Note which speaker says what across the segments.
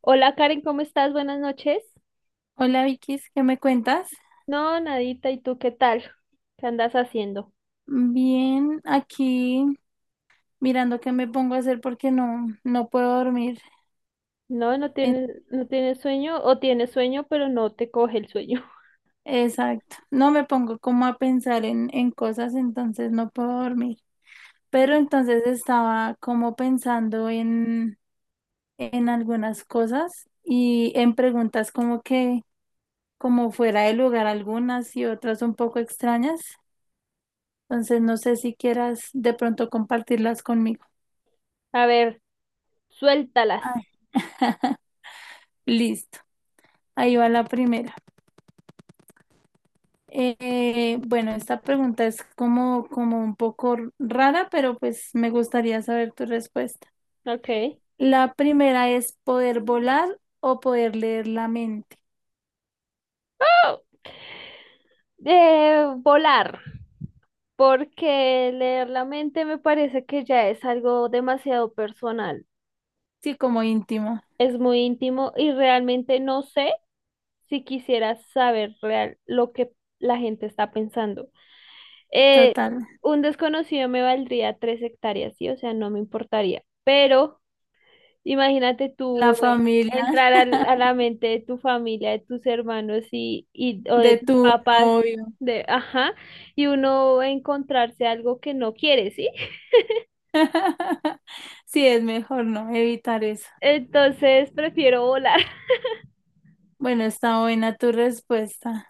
Speaker 1: Hola Karen, ¿cómo estás? Buenas noches.
Speaker 2: Hola Vikis, ¿qué me cuentas?
Speaker 1: No, nadita, ¿y tú qué tal? ¿Qué andas haciendo?
Speaker 2: Bien, aquí mirando qué me pongo a hacer porque no puedo dormir.
Speaker 1: No, no
Speaker 2: En-
Speaker 1: tienes, no tienes sueño o tienes sueño, pero no te coge el sueño.
Speaker 2: Exacto, no me pongo como a pensar en cosas, entonces no puedo dormir. Pero entonces estaba como pensando en algunas cosas y en preguntas como que como fuera de lugar algunas y otras un poco extrañas. Entonces no sé si quieras de pronto compartirlas conmigo.
Speaker 1: A ver, suéltalas.
Speaker 2: Ay, Listo, ahí va la primera. Bueno, esta pregunta es como, como un poco rara, pero pues me gustaría saber tu respuesta.
Speaker 1: Ok.
Speaker 2: La primera es poder volar o poder leer la mente.
Speaker 1: Volar, porque leer la mente me parece que ya es algo demasiado personal.
Speaker 2: Sí, como íntimo,
Speaker 1: Es muy íntimo y realmente no sé si quisiera saber real lo que la gente está pensando. Eh,
Speaker 2: total.
Speaker 1: un desconocido me valdría 3 hectáreas, ¿sí? O sea, no me importaría. Pero imagínate
Speaker 2: La
Speaker 1: tú,
Speaker 2: familia
Speaker 1: entrar a la mente de tu familia, de tus hermanos o de
Speaker 2: de
Speaker 1: tus
Speaker 2: tu
Speaker 1: papás,
Speaker 2: novio.
Speaker 1: ajá, y uno encontrarse algo que no quiere, ¿sí?
Speaker 2: Sí, es mejor no evitar eso.
Speaker 1: Entonces prefiero volar.
Speaker 2: Bueno, está buena tu respuesta.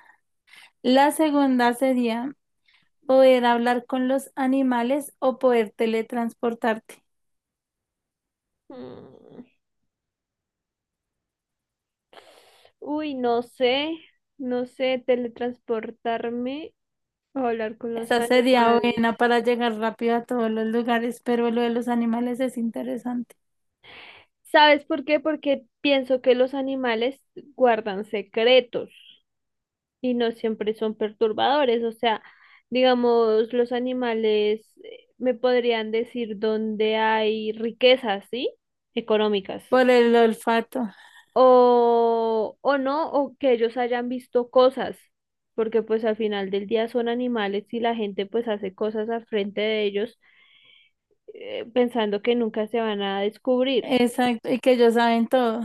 Speaker 2: La segunda sería poder hablar con los animales o poder teletransportarte.
Speaker 1: Mm, uy, no sé, teletransportarme o hablar con los
Speaker 2: Esa sería
Speaker 1: animales.
Speaker 2: buena para llegar rápido a todos los lugares, pero lo de los animales es interesante.
Speaker 1: ¿Sabes por qué? Porque pienso que los animales guardan secretos y no siempre son perturbadores. O sea, digamos, los animales, me podrían decir dónde hay riquezas, ¿sí? Económicas.
Speaker 2: Por el olfato.
Speaker 1: O no, o que ellos hayan visto cosas, porque pues al final del día son animales y la gente pues hace cosas al frente de ellos, pensando que nunca se van a descubrir.
Speaker 2: Exacto. Y que ellos saben todo.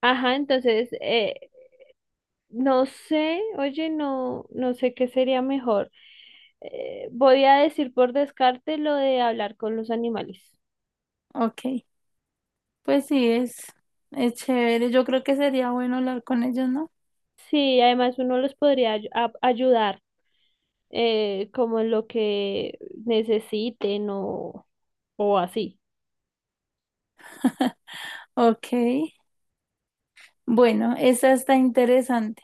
Speaker 1: Ajá, entonces, no sé, oye, no, no sé qué sería mejor. Voy a decir por descarte lo de hablar con los animales.
Speaker 2: Ok. Pues sí, es chévere. Yo creo que sería bueno hablar con ellos, ¿no?
Speaker 1: Sí, además uno los podría ayudar, como en lo que necesiten, o así.
Speaker 2: Ok. Bueno, esa está interesante.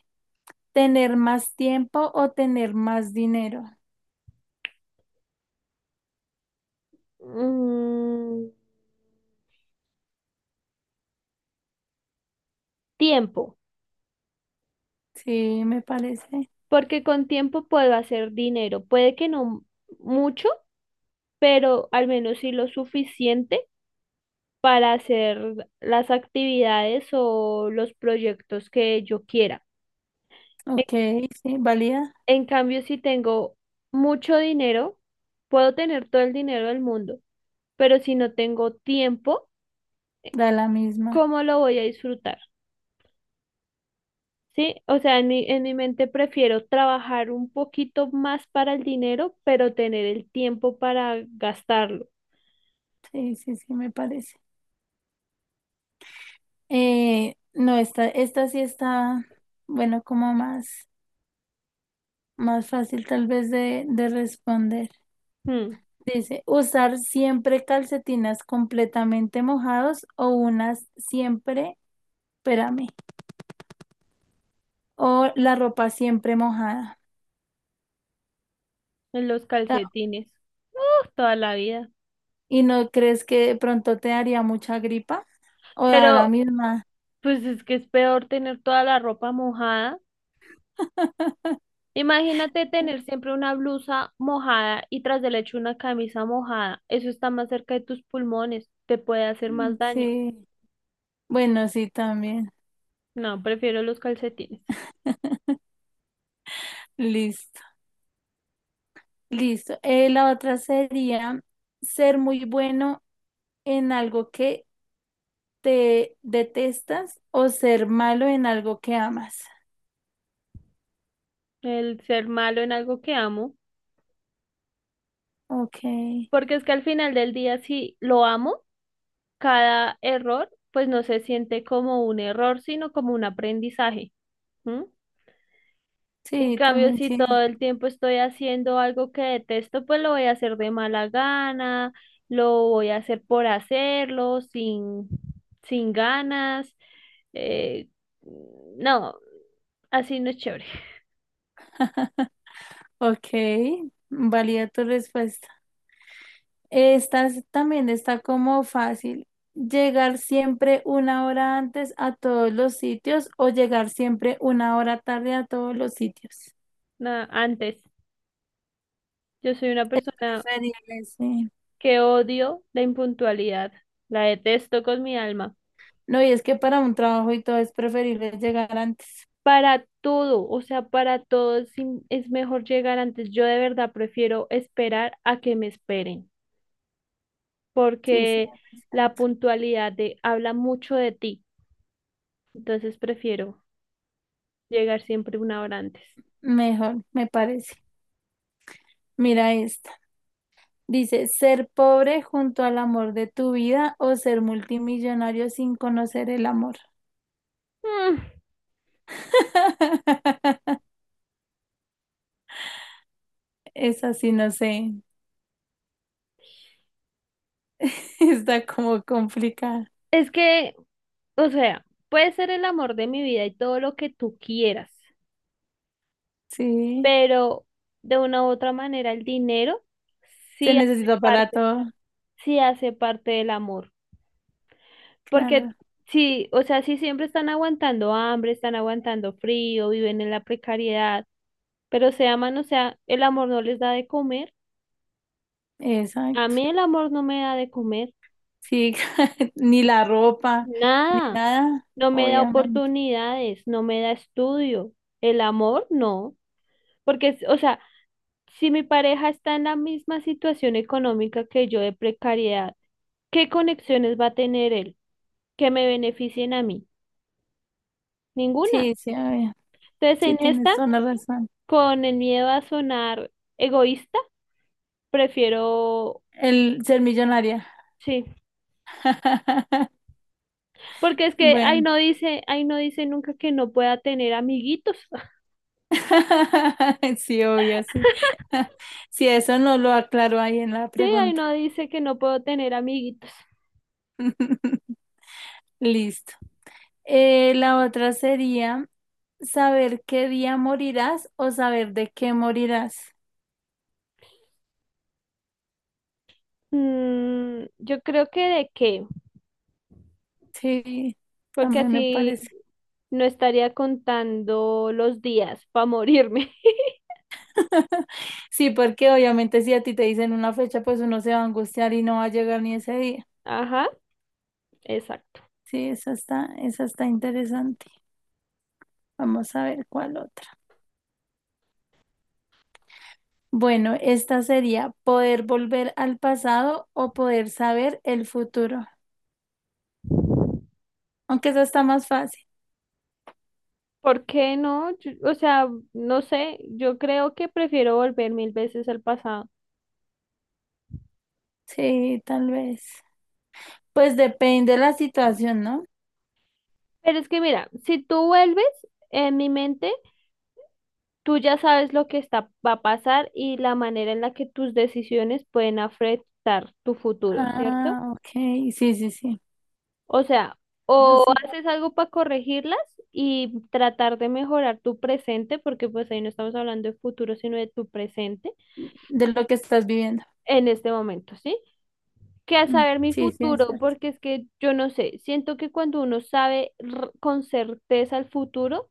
Speaker 2: ¿Tener más tiempo o tener más dinero?
Speaker 1: Mm, tiempo,
Speaker 2: Sí, me parece.
Speaker 1: porque con tiempo puedo hacer dinero. Puede que no mucho, pero al menos sí lo suficiente para hacer las actividades o los proyectos que yo quiera. En,
Speaker 2: Ok, sí, valía.
Speaker 1: en cambio, si tengo mucho dinero, puedo tener todo el dinero del mundo, pero si no tengo tiempo,
Speaker 2: Da la misma.
Speaker 1: ¿cómo lo voy a disfrutar? Sí, o sea, en mi mente prefiero trabajar un poquito más para el dinero, pero tener el tiempo para gastarlo.
Speaker 2: Sí, sí, sí, me parece. No, esta, esta sí está, bueno, como más, más fácil tal vez de responder.
Speaker 1: Hmm,
Speaker 2: Dice, usar siempre calcetinas completamente mojados o unas siempre, espérame, o la ropa siempre mojada.
Speaker 1: en los
Speaker 2: O sea,
Speaker 1: calcetines. Uf, toda la vida.
Speaker 2: ¿y no crees que de pronto te daría mucha gripa? O a la
Speaker 1: Pero
Speaker 2: misma.
Speaker 1: pues es que es peor tener toda la ropa mojada. Imagínate tener siempre una blusa mojada y tras del hecho una camisa mojada. Eso está más cerca de tus pulmones, te puede hacer
Speaker 2: Mm,
Speaker 1: más daño.
Speaker 2: sí, bueno, sí, también.
Speaker 1: No, prefiero los calcetines.
Speaker 2: Listo, listo. La otra sería ser muy bueno en algo que te detestas o ser malo en algo que amas.
Speaker 1: El ser malo en algo que amo,
Speaker 2: Ok,
Speaker 1: porque es que al final del día si lo amo, cada error pues no se siente como un error, sino como un aprendizaje. ¿M? En
Speaker 2: sí,
Speaker 1: cambio,
Speaker 2: también
Speaker 1: si
Speaker 2: sí.
Speaker 1: todo el tiempo estoy haciendo algo que detesto, pues lo voy a hacer de mala gana, lo voy a hacer por hacerlo, sin ganas. eh, no, así no es chévere.
Speaker 2: Ok, valida tu respuesta. También está como fácil. ¿Llegar siempre una hora antes a todos los sitios o llegar siempre una hora tarde a todos los sitios?
Speaker 1: No, antes, yo soy una
Speaker 2: Es
Speaker 1: persona
Speaker 2: preferible, sí.
Speaker 1: que odio la impuntualidad, la detesto con mi alma.
Speaker 2: No, y es que para un trabajo y todo es preferible llegar antes.
Speaker 1: Para todo, o sea, para todo es mejor llegar antes. Yo de verdad prefiero esperar a que me esperen.
Speaker 2: Sí, sí,
Speaker 1: Porque
Speaker 2: es
Speaker 1: la
Speaker 2: cierto.
Speaker 1: puntualidad, habla mucho de ti, entonces prefiero llegar siempre una hora antes.
Speaker 2: Mejor, me parece. Mira esto. Dice, ser pobre junto al amor de tu vida o ser multimillonario sin conocer el amor.
Speaker 1: Mm,
Speaker 2: Esa sí, no sé. Está como complicada.
Speaker 1: es que, o sea, puede ser el amor de mi vida y todo lo que tú quieras,
Speaker 2: Sí,
Speaker 1: pero de una u otra manera el dinero
Speaker 2: se
Speaker 1: sí hace
Speaker 2: necesita para
Speaker 1: parte,
Speaker 2: todo.
Speaker 1: sí hace parte del amor, porque
Speaker 2: Claro,
Speaker 1: sí, o sea, sí siempre están aguantando hambre, están aguantando frío, viven en la precariedad, pero se aman, o sea, el amor no les da de comer. A
Speaker 2: exacto.
Speaker 1: mí el amor no me da de comer
Speaker 2: Sí, ni la ropa, ni
Speaker 1: nada,
Speaker 2: nada,
Speaker 1: no me da
Speaker 2: obviamente.
Speaker 1: oportunidades, no me da estudio. El amor no, porque, o sea, si mi pareja está en la misma situación económica que yo, de precariedad, ¿qué conexiones va a tener él que me beneficien a mí? Ninguna.
Speaker 2: Sí, sí, obvio.
Speaker 1: Entonces,
Speaker 2: Sí,
Speaker 1: en
Speaker 2: tienes
Speaker 1: esta,
Speaker 2: toda la razón.
Speaker 1: con el miedo a sonar egoísta, prefiero,
Speaker 2: El ser millonaria.
Speaker 1: sí, porque es que
Speaker 2: Bueno.
Speaker 1: ahí no dice nunca que no pueda tener amiguitos.
Speaker 2: Sí, obvio, sí. Si eso no lo aclaro ahí en la
Speaker 1: Sí, ahí
Speaker 2: pregunta.
Speaker 1: no dice que no puedo tener amiguitos.
Speaker 2: Listo. La otra sería saber qué día morirás o saber de qué morirás.
Speaker 1: Yo creo que de qué,
Speaker 2: Sí,
Speaker 1: porque
Speaker 2: también me
Speaker 1: así
Speaker 2: parece.
Speaker 1: no estaría contando los días para morirme.
Speaker 2: Sí, porque obviamente si a ti te dicen una fecha, pues uno se va a angustiar y no va a llegar ni ese día.
Speaker 1: Ajá, exacto.
Speaker 2: Sí, esa está interesante. Vamos a ver cuál otra. Bueno, esta sería poder volver al pasado o poder saber el futuro. Aunque eso está más fácil.
Speaker 1: ¿Por qué no? O sea, no sé, yo creo que prefiero volver 1.000 veces al pasado.
Speaker 2: Sí, tal vez. Pues depende de la situación, ¿no?
Speaker 1: Pero es que mira, si tú vuelves, en mi mente, tú ya sabes lo que va a pasar y la manera en la que tus decisiones pueden afectar tu futuro, ¿cierto?
Speaker 2: Ah, ok. Sí, sí, sí.
Speaker 1: O sea,
Speaker 2: Eso
Speaker 1: o
Speaker 2: sí.
Speaker 1: haces algo para corregirlas y tratar de mejorar tu presente, porque pues ahí no estamos hablando de futuro, sino de tu presente
Speaker 2: De lo que estás viviendo.
Speaker 1: en este momento, ¿sí? Que a
Speaker 2: Mm,
Speaker 1: saber mi
Speaker 2: sí, sí, es
Speaker 1: futuro,
Speaker 2: cierto.
Speaker 1: porque es que yo no sé, siento que cuando uno sabe, con certeza, el futuro,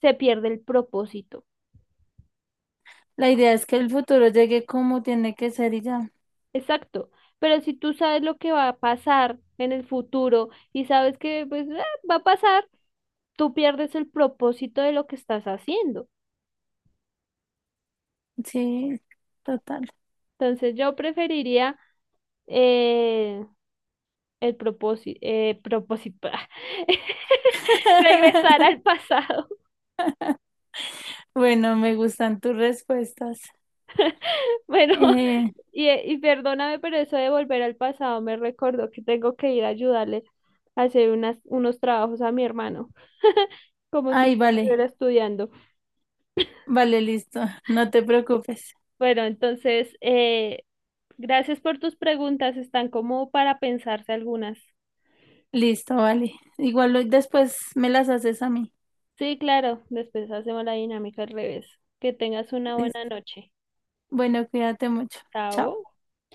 Speaker 1: se pierde el propósito.
Speaker 2: La idea es que el futuro llegue como tiene que ser y ya.
Speaker 1: Exacto. Pero si tú sabes lo que va a pasar en el futuro y sabes que pues, va a pasar, tú pierdes el propósito de lo que estás haciendo.
Speaker 2: Sí, total.
Speaker 1: Entonces yo preferiría, eh, el propósito, eh, propósito, regresar al pasado.
Speaker 2: Bueno, me gustan tus respuestas.
Speaker 1: Bueno,
Speaker 2: Eh,
Speaker 1: y perdóname, pero eso de volver al pasado me recordó que tengo que ir a ayudarle a hacer unos trabajos a mi hermano, como si
Speaker 2: Ay, vale.
Speaker 1: estuviera estudiando.
Speaker 2: Vale, listo. No te preocupes.
Speaker 1: Bueno, entonces, gracias por tus preguntas, están como para pensarse algunas.
Speaker 2: Listo, vale. Después me las haces a mí.
Speaker 1: Sí, claro, después hacemos la dinámica al revés. Que tengas una buena
Speaker 2: Listo.
Speaker 1: noche.
Speaker 2: Bueno, cuídate mucho. Chao.
Speaker 1: Chao.